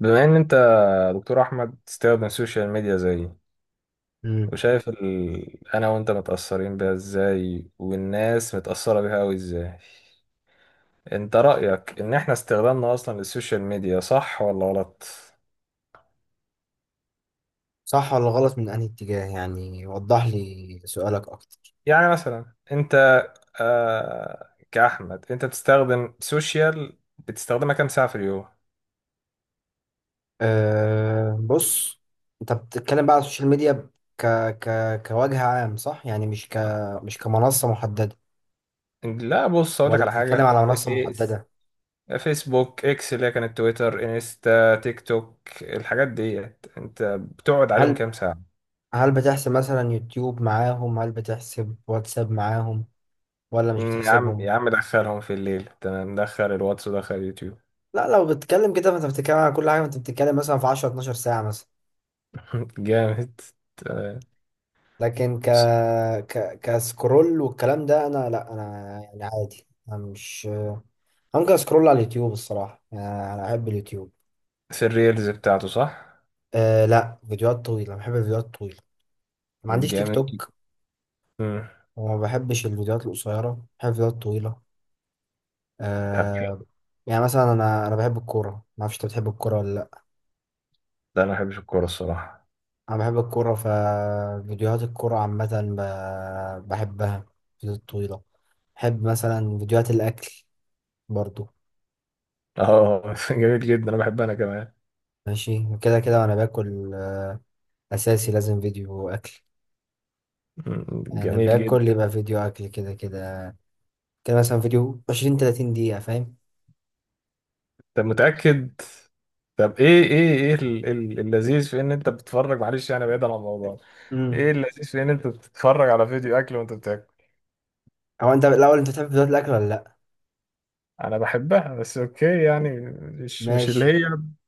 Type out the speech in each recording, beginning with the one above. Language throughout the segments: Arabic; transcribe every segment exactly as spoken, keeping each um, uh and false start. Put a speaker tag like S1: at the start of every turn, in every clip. S1: بما ان انت يا دكتور احمد تستخدم السوشيال ميديا زيي
S2: مم.
S1: وشايف ال... انا وانت متأثرين بيها ازاي والناس متأثرة بيها اوي ازاي، انت رأيك ان احنا استخدامنا اصلا للسوشيال ميديا صح ولا غلط؟
S2: صح ولا غلط من أنهي اتجاه؟ يعني وضح لي سؤالك أكتر.
S1: يعني مثلا انت، آه... كأحمد انت بتستخدم سوشيال، بتستخدمها كام ساعة في اليوم؟
S2: أه بص، أنت بتتكلم بقى على السوشيال ميديا ك... ك... كوجه عام، صح؟ يعني مش ك... مش كمنصة محددة،
S1: لا بص اقول لك
S2: ولا
S1: على
S2: بتتكلم
S1: حاجة،
S2: على منصة
S1: فيس
S2: محددة؟
S1: فيسبوك اكس اللي هي كانت تويتر، انستا، تيك توك، الحاجات ديت انت بتقعد عليهم
S2: هل
S1: كام ساعة؟
S2: هل بتحسب مثلا يوتيوب معاهم؟ هل بتحسب واتساب معاهم، ولا مش
S1: مم، يا عم
S2: بتحسبهم؟
S1: يا عم دخلهم في الليل، تمام، دخل الواتس ودخل اليوتيوب.
S2: لا لو بتتكلم كده فأنت بتتكلم على كل حاجة، أنت بتتكلم مثلا في عشرة اتناشر ساعة مثلا.
S1: جامد، تمام.
S2: لكن ك... ك... كسكرول والكلام ده، انا لا انا يعني عادي، انا مش ممكن اسكرول على اليوتيوب الصراحه، يعني انا احب اليوتيوب.
S1: في الريلز بتاعته صح؟
S2: أه لا، فيديوهات طويله، بحب الفيديوهات الطويله. ما عنديش تيك
S1: جميل.
S2: توك.
S1: مم.
S2: وما بحبش الفيديوهات القصيره، بحب الفيديوهات الطويله.
S1: طب حلو.
S2: أه. يعني مثلا انا انا بحب الكوره، ما اعرفش انت بتحب الكوره ولا لا.
S1: ده انا ما بحبش الكورة الصراحة.
S2: انا بحب الكوره، ففيديوهات الكوره عامه ب... بحبها، فيديوهات طويله. بحب مثلا فيديوهات الاكل برضو.
S1: اه جميل جدا، انا بحبها انا كمان.
S2: ماشي كده كده وانا باكل آه، اساسي لازم فيديو اكل.
S1: مم،
S2: يعني
S1: جميل
S2: باكل
S1: جدا.
S2: يبقى فيديو اكل كده كده. كده مثلا فيديو عشرين تلاتين دقيقة، فاهم؟
S1: طب متأكد؟ طب ايه ايه ايه ال- ال- اللذيذ في ان انت بتتفرج، معلش يعني بعيدا عن الموضوع، ايه
S2: امم،
S1: اللذيذ في ان انت بتتفرج على فيديو اكل وانت بتاكل؟
S2: هو انت الاول انت بتحب فيديوهات الاكل ولا لا؟
S1: انا بحبها بس اوكي يعني، مش مش اللي
S2: ماشي.
S1: هي،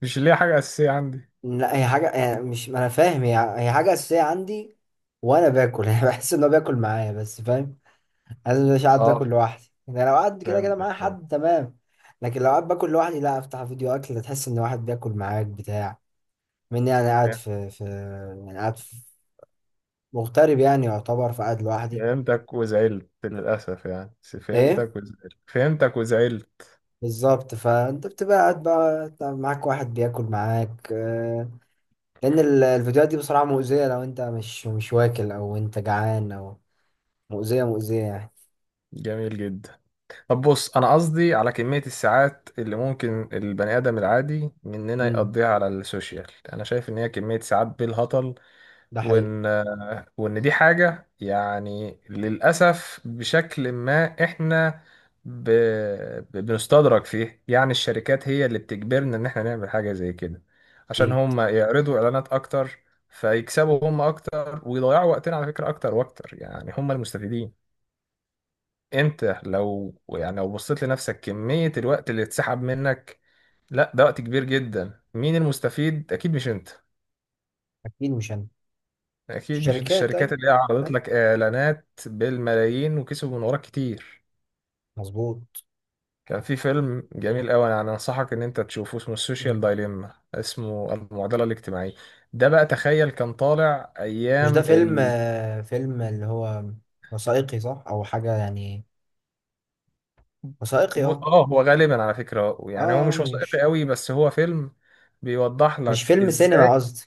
S1: مش اللي هي حاجه اساسيه عندي.
S2: لا، هي حاجة يعني، مش ما انا فاهم، هي هي حاجة اساسية عندي وانا باكل يعني بحس ان هو بياكل معايا بس، فاهم؟ لازم مش قاعد
S1: اه،
S2: باكل لوحدي. يعني لو قاعد كده كده معايا
S1: فهمتك فهمتك.
S2: حد تمام، لكن لو قاعد باكل لوحدي لا افتح فيديو اكل تحس ان واحد بياكل معاك بتاع. مني انا قاعد في في، يعني قاعد مغترب يعني يعتبر، فقاعد لوحدي.
S1: فهمتك وزعلت للاسف يعني، بس
S2: ايه
S1: فهمتك وزعلت، فهمتك وزعلت.
S2: بالظبط، فانت بتبقى قاعد بقى أنت معاك واحد بياكل معاك آه، لان ال- الفيديوهات دي بصراحة مؤذية، لو انت مش مش واكل او انت جعان، او مؤذية مؤذية يعني.
S1: جميل جدا. طب بص انا قصدي على كميه الساعات اللي ممكن البني ادم العادي مننا
S2: امم.
S1: يقضيها على السوشيال، انا شايف ان هي كميه ساعات بالهطل،
S2: ده حقيقي.
S1: وان وان دي حاجة يعني للأسف بشكل ما احنا، ب... ب- بنستدرج فيه، يعني الشركات هي اللي بتجبرنا ان احنا نعمل حاجة زي كده عشان
S2: اكيد
S1: هم يعرضوا اعلانات اكتر، فيكسبوا هم اكتر ويضيعوا وقتنا على فكرة اكتر واكتر، يعني هم المستفيدين. انت لو يعني لو بصيت لنفسك كمية الوقت اللي اتسحب منك، لا ده وقت كبير جدا، مين المستفيد؟ اكيد مش انت،
S2: اكيد مش انا.
S1: اكيد مش
S2: الشركات،
S1: الشركات
S2: اي
S1: اللي هي عرضت
S2: اي
S1: لك اعلانات بالملايين وكسبوا من وراك كتير.
S2: مظبوط.
S1: كان في فيلم جميل قوي انا انصحك ان انت تشوفه، اسمه السوشيال
S2: مم.
S1: دايليما، اسمه المعضله الاجتماعيه. ده بقى تخيل كان طالع
S2: مش ده
S1: ايام
S2: فيلم
S1: ال...
S2: آه، فيلم اللي هو وثائقي صح، او حاجة يعني وثائقي؟ اه.
S1: اه، هو غالبا على فكره
S2: اه
S1: يعني هو
S2: آه،
S1: مش وثائقي
S2: مش
S1: قوي بس هو فيلم بيوضح
S2: مش
S1: لك
S2: فيلم
S1: ازاي،
S2: سينما قصدي.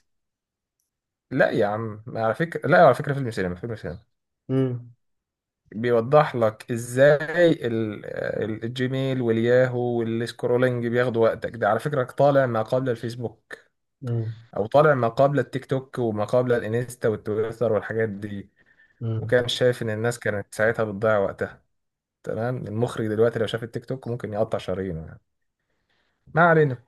S1: لا يا عم على فكره، لا على فكره، فيلم سينما، فيلم سينما،
S2: امم.
S1: بيوضح لك ازاي ال- ال- الجيميل والياهو والسكرولينج بياخدوا وقتك، ده على فكرة طالع ما قبل الفيسبوك،
S2: امم.
S1: او طالع ما قبل التيك توك وما قبل الانستا والتويتر والحاجات دي، وكان شايف ان الناس كانت ساعتها بتضيع وقتها، تمام. المخرج دلوقتي لو شاف التيك توك ممكن يقطع شرايينه يعني، ما علينا.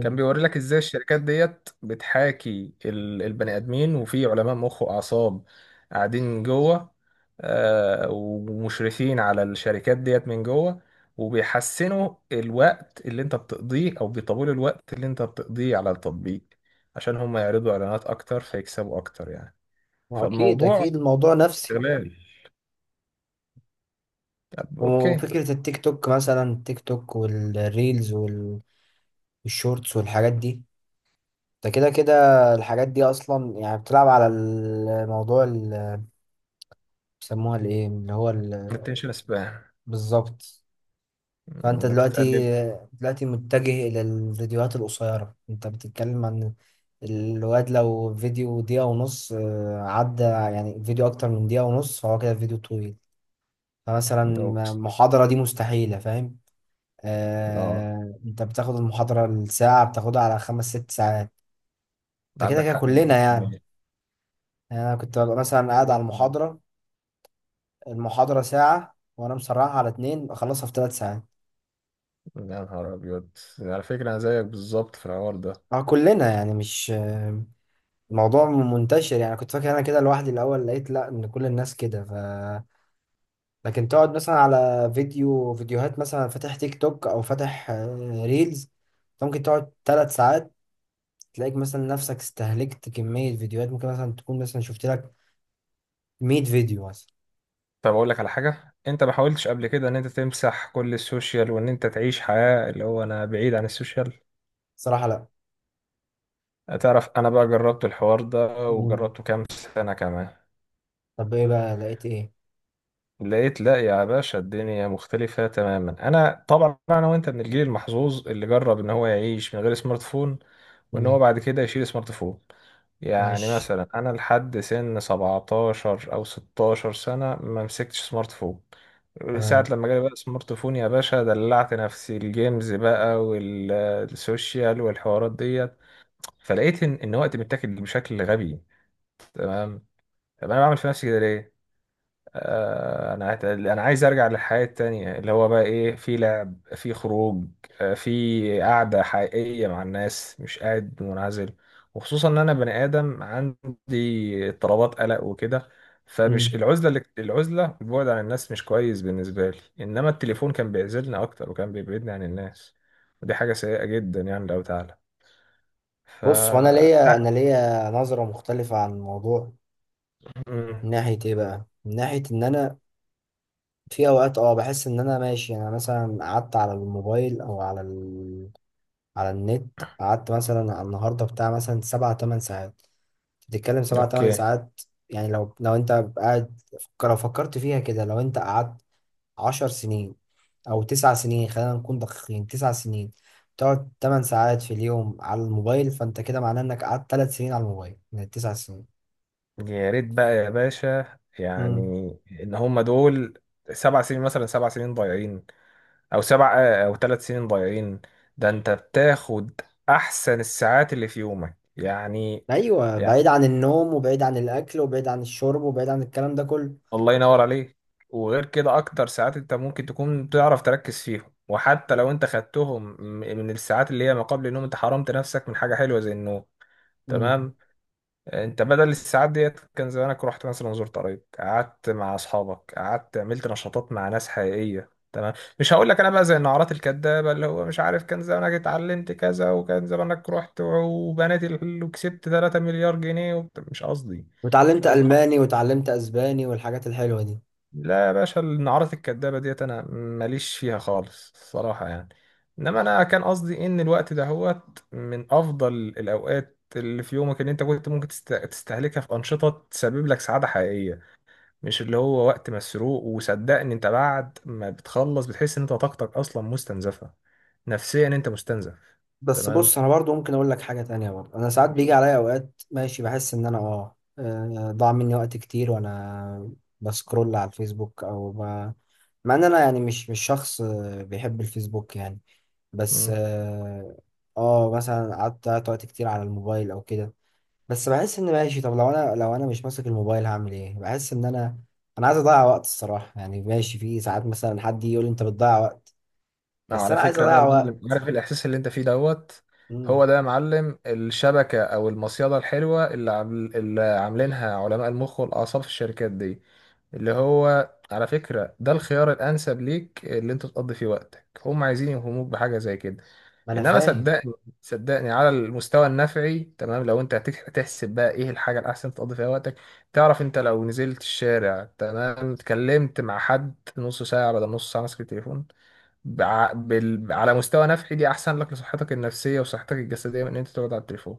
S1: كان بيوري لك ازاي الشركات ديت بتحاكي ال- البني ادمين، وفي علماء مخ واعصاب قاعدين جوه، آه، ومشرفين على الشركات ديت من جوه، وبيحسنوا الوقت اللي انت بتقضيه او بيطولوا الوقت اللي انت بتقضيه على التطبيق عشان هم يعرضوا اعلانات اكتر فيكسبوا اكتر يعني.
S2: أكيد
S1: فالموضوع
S2: أكيد، الموضوع نفسي.
S1: استغلال. طب اوكي،
S2: وفكرة التيك توك، مثلا التيك توك والريلز وال- والشورتس والحاجات دي، ده كده كده الحاجات دي أصلا يعني بتلعب على الموضوع اللي بيسموها الإيه اللي هو ال-
S1: الاتنشن سبان،
S2: بالظبط. فأنت دلوقتي،
S1: بتقلل،
S2: دلوقتي متجه إلى الفيديوهات القصيرة. أنت بتتكلم عن الواد لو فيديو دقيقة ونص آه، عدى، يعني فيديو أكتر من دقيقة ونص فهو كده فيديو طويل. فمثلا
S1: اوكي،
S2: محاضرة دي مستحيلة، فاهم؟
S1: اه
S2: آه، انت بتاخد المحاضرة الساعة بتاخدها على خمس ست ساعات. ده كده
S1: عندك
S2: كده
S1: حق
S2: كلنا يعني. يعني انا كنت ببقى مثلا قاعد على
S1: مئة بالمية.
S2: المحاضرة، المحاضرة ساعة وانا مسرعها على اتنين اخلصها في ثلاث ساعات.
S1: يا نهار ابيض، على فكره انا زيك بالظبط في الحوار ده.
S2: اه كلنا يعني، مش آه، الموضوع منتشر يعني. كنت فاكر انا كده لوحدي الاول، لقيت لا، ان كل الناس كده. ف لكن تقعد مثلا على فيديو، فيديوهات مثلا فاتح تيك توك او فاتح آه، ريلز، ممكن تقعد ثلاث ساعات. تلاقيك مثلا نفسك استهلكت كمية فيديوهات، ممكن مثلا تكون مثلا شفت لك مية فيديو مثلا.
S1: طب اقول لك على حاجه، انت ما حاولتش قبل كده ان انت تمسح كل السوشيال وان انت تعيش حياه اللي هو انا بعيد عن السوشيال؟
S2: صراحة لا.
S1: تعرف انا بقى جربت الحوار ده
S2: مم.
S1: وجربته كام سنه كمان.
S2: طب ايه بقى لقيت ايه؟
S1: لقيت لا يا باشا، الدنيا مختلفة تماما. أنا طبعا أنا وأنت من الجيل المحظوظ اللي جرب إن هو يعيش من غير سمارت فون، وإن هو
S2: مم.
S1: بعد كده يشيل سمارت فون. يعني
S2: ماشي
S1: مثلا أنا لحد سن سبعتاشر أو ستة عشر سنة ما مسكتش سمارت فون. ساعة
S2: تمام.
S1: لما جالي بقى سمارت فون يا باشا دلعت نفسي، الجيمز بقى والسوشيال والحوارات ديت، فلقيت إن إن وقتي متاكل بشكل غبي، تمام. طب أنا بعمل في نفسي كده ليه؟ آه، انا عايز، انا عايز ارجع للحياة التانية اللي هو بقى ايه، في لعب، في خروج، آه، في قعدة حقيقية مع الناس، مش قاعد منعزل. وخصوصا ان انا بني ادم عندي اضطرابات قلق وكده،
S2: مم.
S1: فمش العزلة، اللي العزلة البعد عن الناس مش كويس بالنسبة لي، انما التليفون كان بيعزلنا اكتر وكان بيبعدني عن الناس. ودي حاجة سيئة جدا يعني، لو تعالى، ف
S2: بص، هو انا
S1: لا.
S2: ليا انا ليا نظرة مختلفة عن الموضوع.
S1: مم.
S2: من ناحية ايه بقى؟ من ناحية ان انا في اوقات اه بحس ان انا ماشي، يعني انا مثلا قعدت على الموبايل او على ال... على النت، قعدت مثلا على النهاردة بتاع مثلا سبعة تمن ساعات. بتتكلم سبعة تمن
S1: اوكي.
S2: ساعات يعني لو لو انت قاعد، فك- لو فكرت فيها كده، لو انت قعدت عشر سنين، او تسع سنين، خلينا نكون دقيقين، تسع سنين. تقعد تمن ساعات في اليوم على الموبايل، فانت كده معناه انك قعدت ثلاث سنين على الموبايل من التسع سنين.
S1: يا ريت بقى يا باشا يعني
S2: امم.
S1: ان هم دول، سبع سنين مثلا، سبع سنين ضايعين، او سبع، او ثلاث سنين ضايعين، ده انت بتاخد احسن الساعات اللي في يومك يعني.
S2: ايوه
S1: يعني
S2: بعيد عن النوم وبعيد عن الاكل وبعيد عن الشرب وبعيد عن الكلام ده كله.
S1: الله ينور عليك. وغير كده اكتر ساعات انت ممكن تكون تعرف تركز فيهم، وحتى لو انت خدتهم م- من الساعات اللي هي ما قبل النوم انت حرمت نفسك من حاجة حلوة زي النوم،
S2: امم.
S1: تمام. انت بدل الساعات ديت كان زمانك رحت مثلا، زرت قرايب، قعدت مع اصحابك، قعدت عملت نشاطات مع ناس حقيقيه، تمام. مش هقول لك انا بقى زي النعرات الكدابه اللي هو مش عارف كان زمانك اتعلمت كذا وكان زمانك رحت وبنيت ال- وكسبت ثلاث مليار جنيه وبت- مش قصدي، مش
S2: وتعلمت
S1: قصدي.
S2: الماني وتعلمت اسباني والحاجات الحلوه دي.
S1: لا يا باشا النعرات الكدابة ديت أنا ماليش فيها خالص الصراحة يعني، إنما أنا كان قصدي إن الوقت ده هوت من أفضل الأوقات اللي في يومك، اللي أنت كنت ممكن تست- تستهلكها في أنشطة تسبب لك سعادة حقيقية، مش اللي هو وقت مسروق. وصدقني أنت بعد ما بتخلص بتحس إن أنت طاقتك أصلا مستنزفة، نفسيا أنت مستنزف،
S2: بس
S1: تمام.
S2: بص، انا برضو ممكن اقول لك حاجه تانية برضو. انا ساعات بيجي عليا اوقات ماشي بحس ان انا اه آه، ضاع مني وقت كتير وانا بسكرول على الفيسبوك او ب... مع ان انا يعني مش مش شخص آه، بيحب الفيسبوك يعني. بس
S1: مم.
S2: اه آه، مثلا قعدت قعدت وقت كتير على الموبايل او كده. بس بحس ان ماشي، طب لو انا، لو انا مش ماسك الموبايل هعمل ايه؟ بحس ان انا انا عايز اضيع وقت الصراحه يعني. ماشي في ساعات مثلا حد يجي يقول لي انت بتضيع وقت،
S1: اه
S2: بس
S1: على
S2: انا عايز
S1: فكرة بقى
S2: اضيع
S1: يا معلم،
S2: وقت.
S1: عارف الإحساس اللي أنت فيه دوت؟
S2: مم.
S1: هو ده يا معلم الشبكة أو المصيدة الحلوة اللي عامل اللي عاملينها علماء المخ والأعصاب في الشركات دي، اللي هو على فكرة ده الخيار الأنسب ليك اللي أنت تقضي فيه وقتك، هم عايزين يوهموك بحاجة زي كده.
S2: ما انا
S1: إنما
S2: فاهم.
S1: صدقني صدقني على المستوى النفعي، تمام، لو أنت هتك- هتحسب بقى إيه الحاجة الأحسن تقضي فيها وقتك. تعرف أنت لو نزلت الشارع، تمام، اتكلمت مع حد نص ساعة بدل نص ساعة ماسك التليفون، بع... بال... على مستوى نفعي دي احسن لك لصحتك النفسية وصحتك الجسدية من ان انت تقعد على التليفون.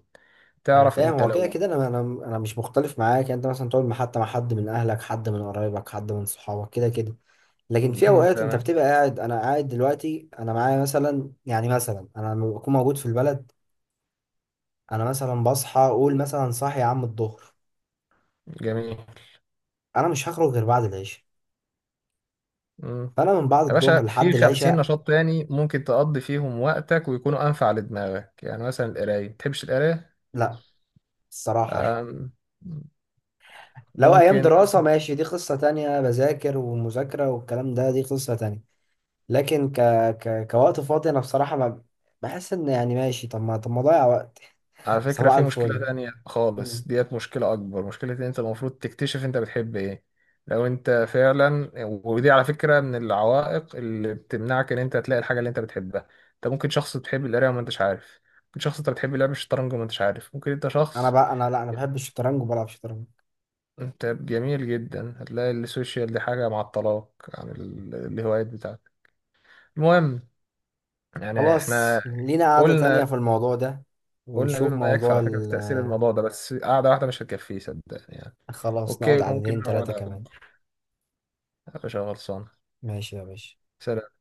S2: انا
S1: تعرف
S2: فاهم،
S1: انت
S2: هو كده
S1: لو،
S2: كده انا انا انا مش مختلف معاك. يعني انت مثلا تقعد مع- حتى مع حد من اهلك، حد من قرايبك، حد من صحابك، كده كده. لكن في
S1: مم،
S2: اوقات انت
S1: تمام،
S2: بتبقى قاعد، انا قاعد دلوقتي انا معايا مثلا، يعني مثلا انا لما بكون موجود في البلد، انا مثلا بصحى اقول مثلا صاحي يا عم الظهر،
S1: جميل.
S2: انا مش هخرج غير بعد العشاء،
S1: مم.
S2: فانا من بعد
S1: يا باشا
S2: الظهر
S1: في
S2: لحد
S1: خمسين
S2: العشاء.
S1: نشاط تاني ممكن تقضي فيهم وقتك ويكونوا أنفع لدماغك، يعني مثلا القراية، متحبش القراية؟
S2: لا، الصراحة
S1: أم،
S2: لو ايام
S1: ممكن.
S2: دراسة ماشي، دي قصة تانية، بذاكر ومذاكرة والكلام ده، دي قصة تانية. لكن ك... ك... كوقت فاضي انا بصراحة ما بحس ان يعني، ماشي طب ما، طب ما اضيع وقت.
S1: على فكرة
S2: صباح
S1: في مشكلة
S2: الفل.
S1: تانية
S2: مم.
S1: خالص ديت، مشكلة أكبر، مشكلة إن أنت المفروض تكتشف أنت بتحب إيه. لو أنت فعلا، ودي على فكرة من العوائق اللي بتمنعك إن أنت تلاقي الحاجة اللي أنت بتحبها، أنت ممكن شخص بتحب القراية وما أنتش عارف، ممكن شخص أنت بتحب لعب الشطرنج وما أنتش عارف، ممكن أنت
S2: انا
S1: شخص،
S2: بقى انا لا انا بحب الشطرنج وبلعب شطرنج.
S1: أنت جميل جدا، هتلاقي السوشيال دي حاجة معطلاك عن ال- الهوايات بتاعتك. المهم يعني
S2: خلاص
S1: إحنا
S2: لينا قعدة تانية
S1: قلنا،
S2: في الموضوع ده،
S1: قلنا
S2: ونشوف
S1: بما يكفي
S2: موضوع
S1: على فكرة في
S2: ال...
S1: تأثير الموضوع ده، بس قعدة واحدة مش هتكفيه صدقني يعني.
S2: خلاص نقعد
S1: اوكي
S2: قعدتين
S1: ممكن نقعد
S2: تلاتة كمان.
S1: على-، مش غلطان.
S2: ماشي يا باشا.
S1: سلام.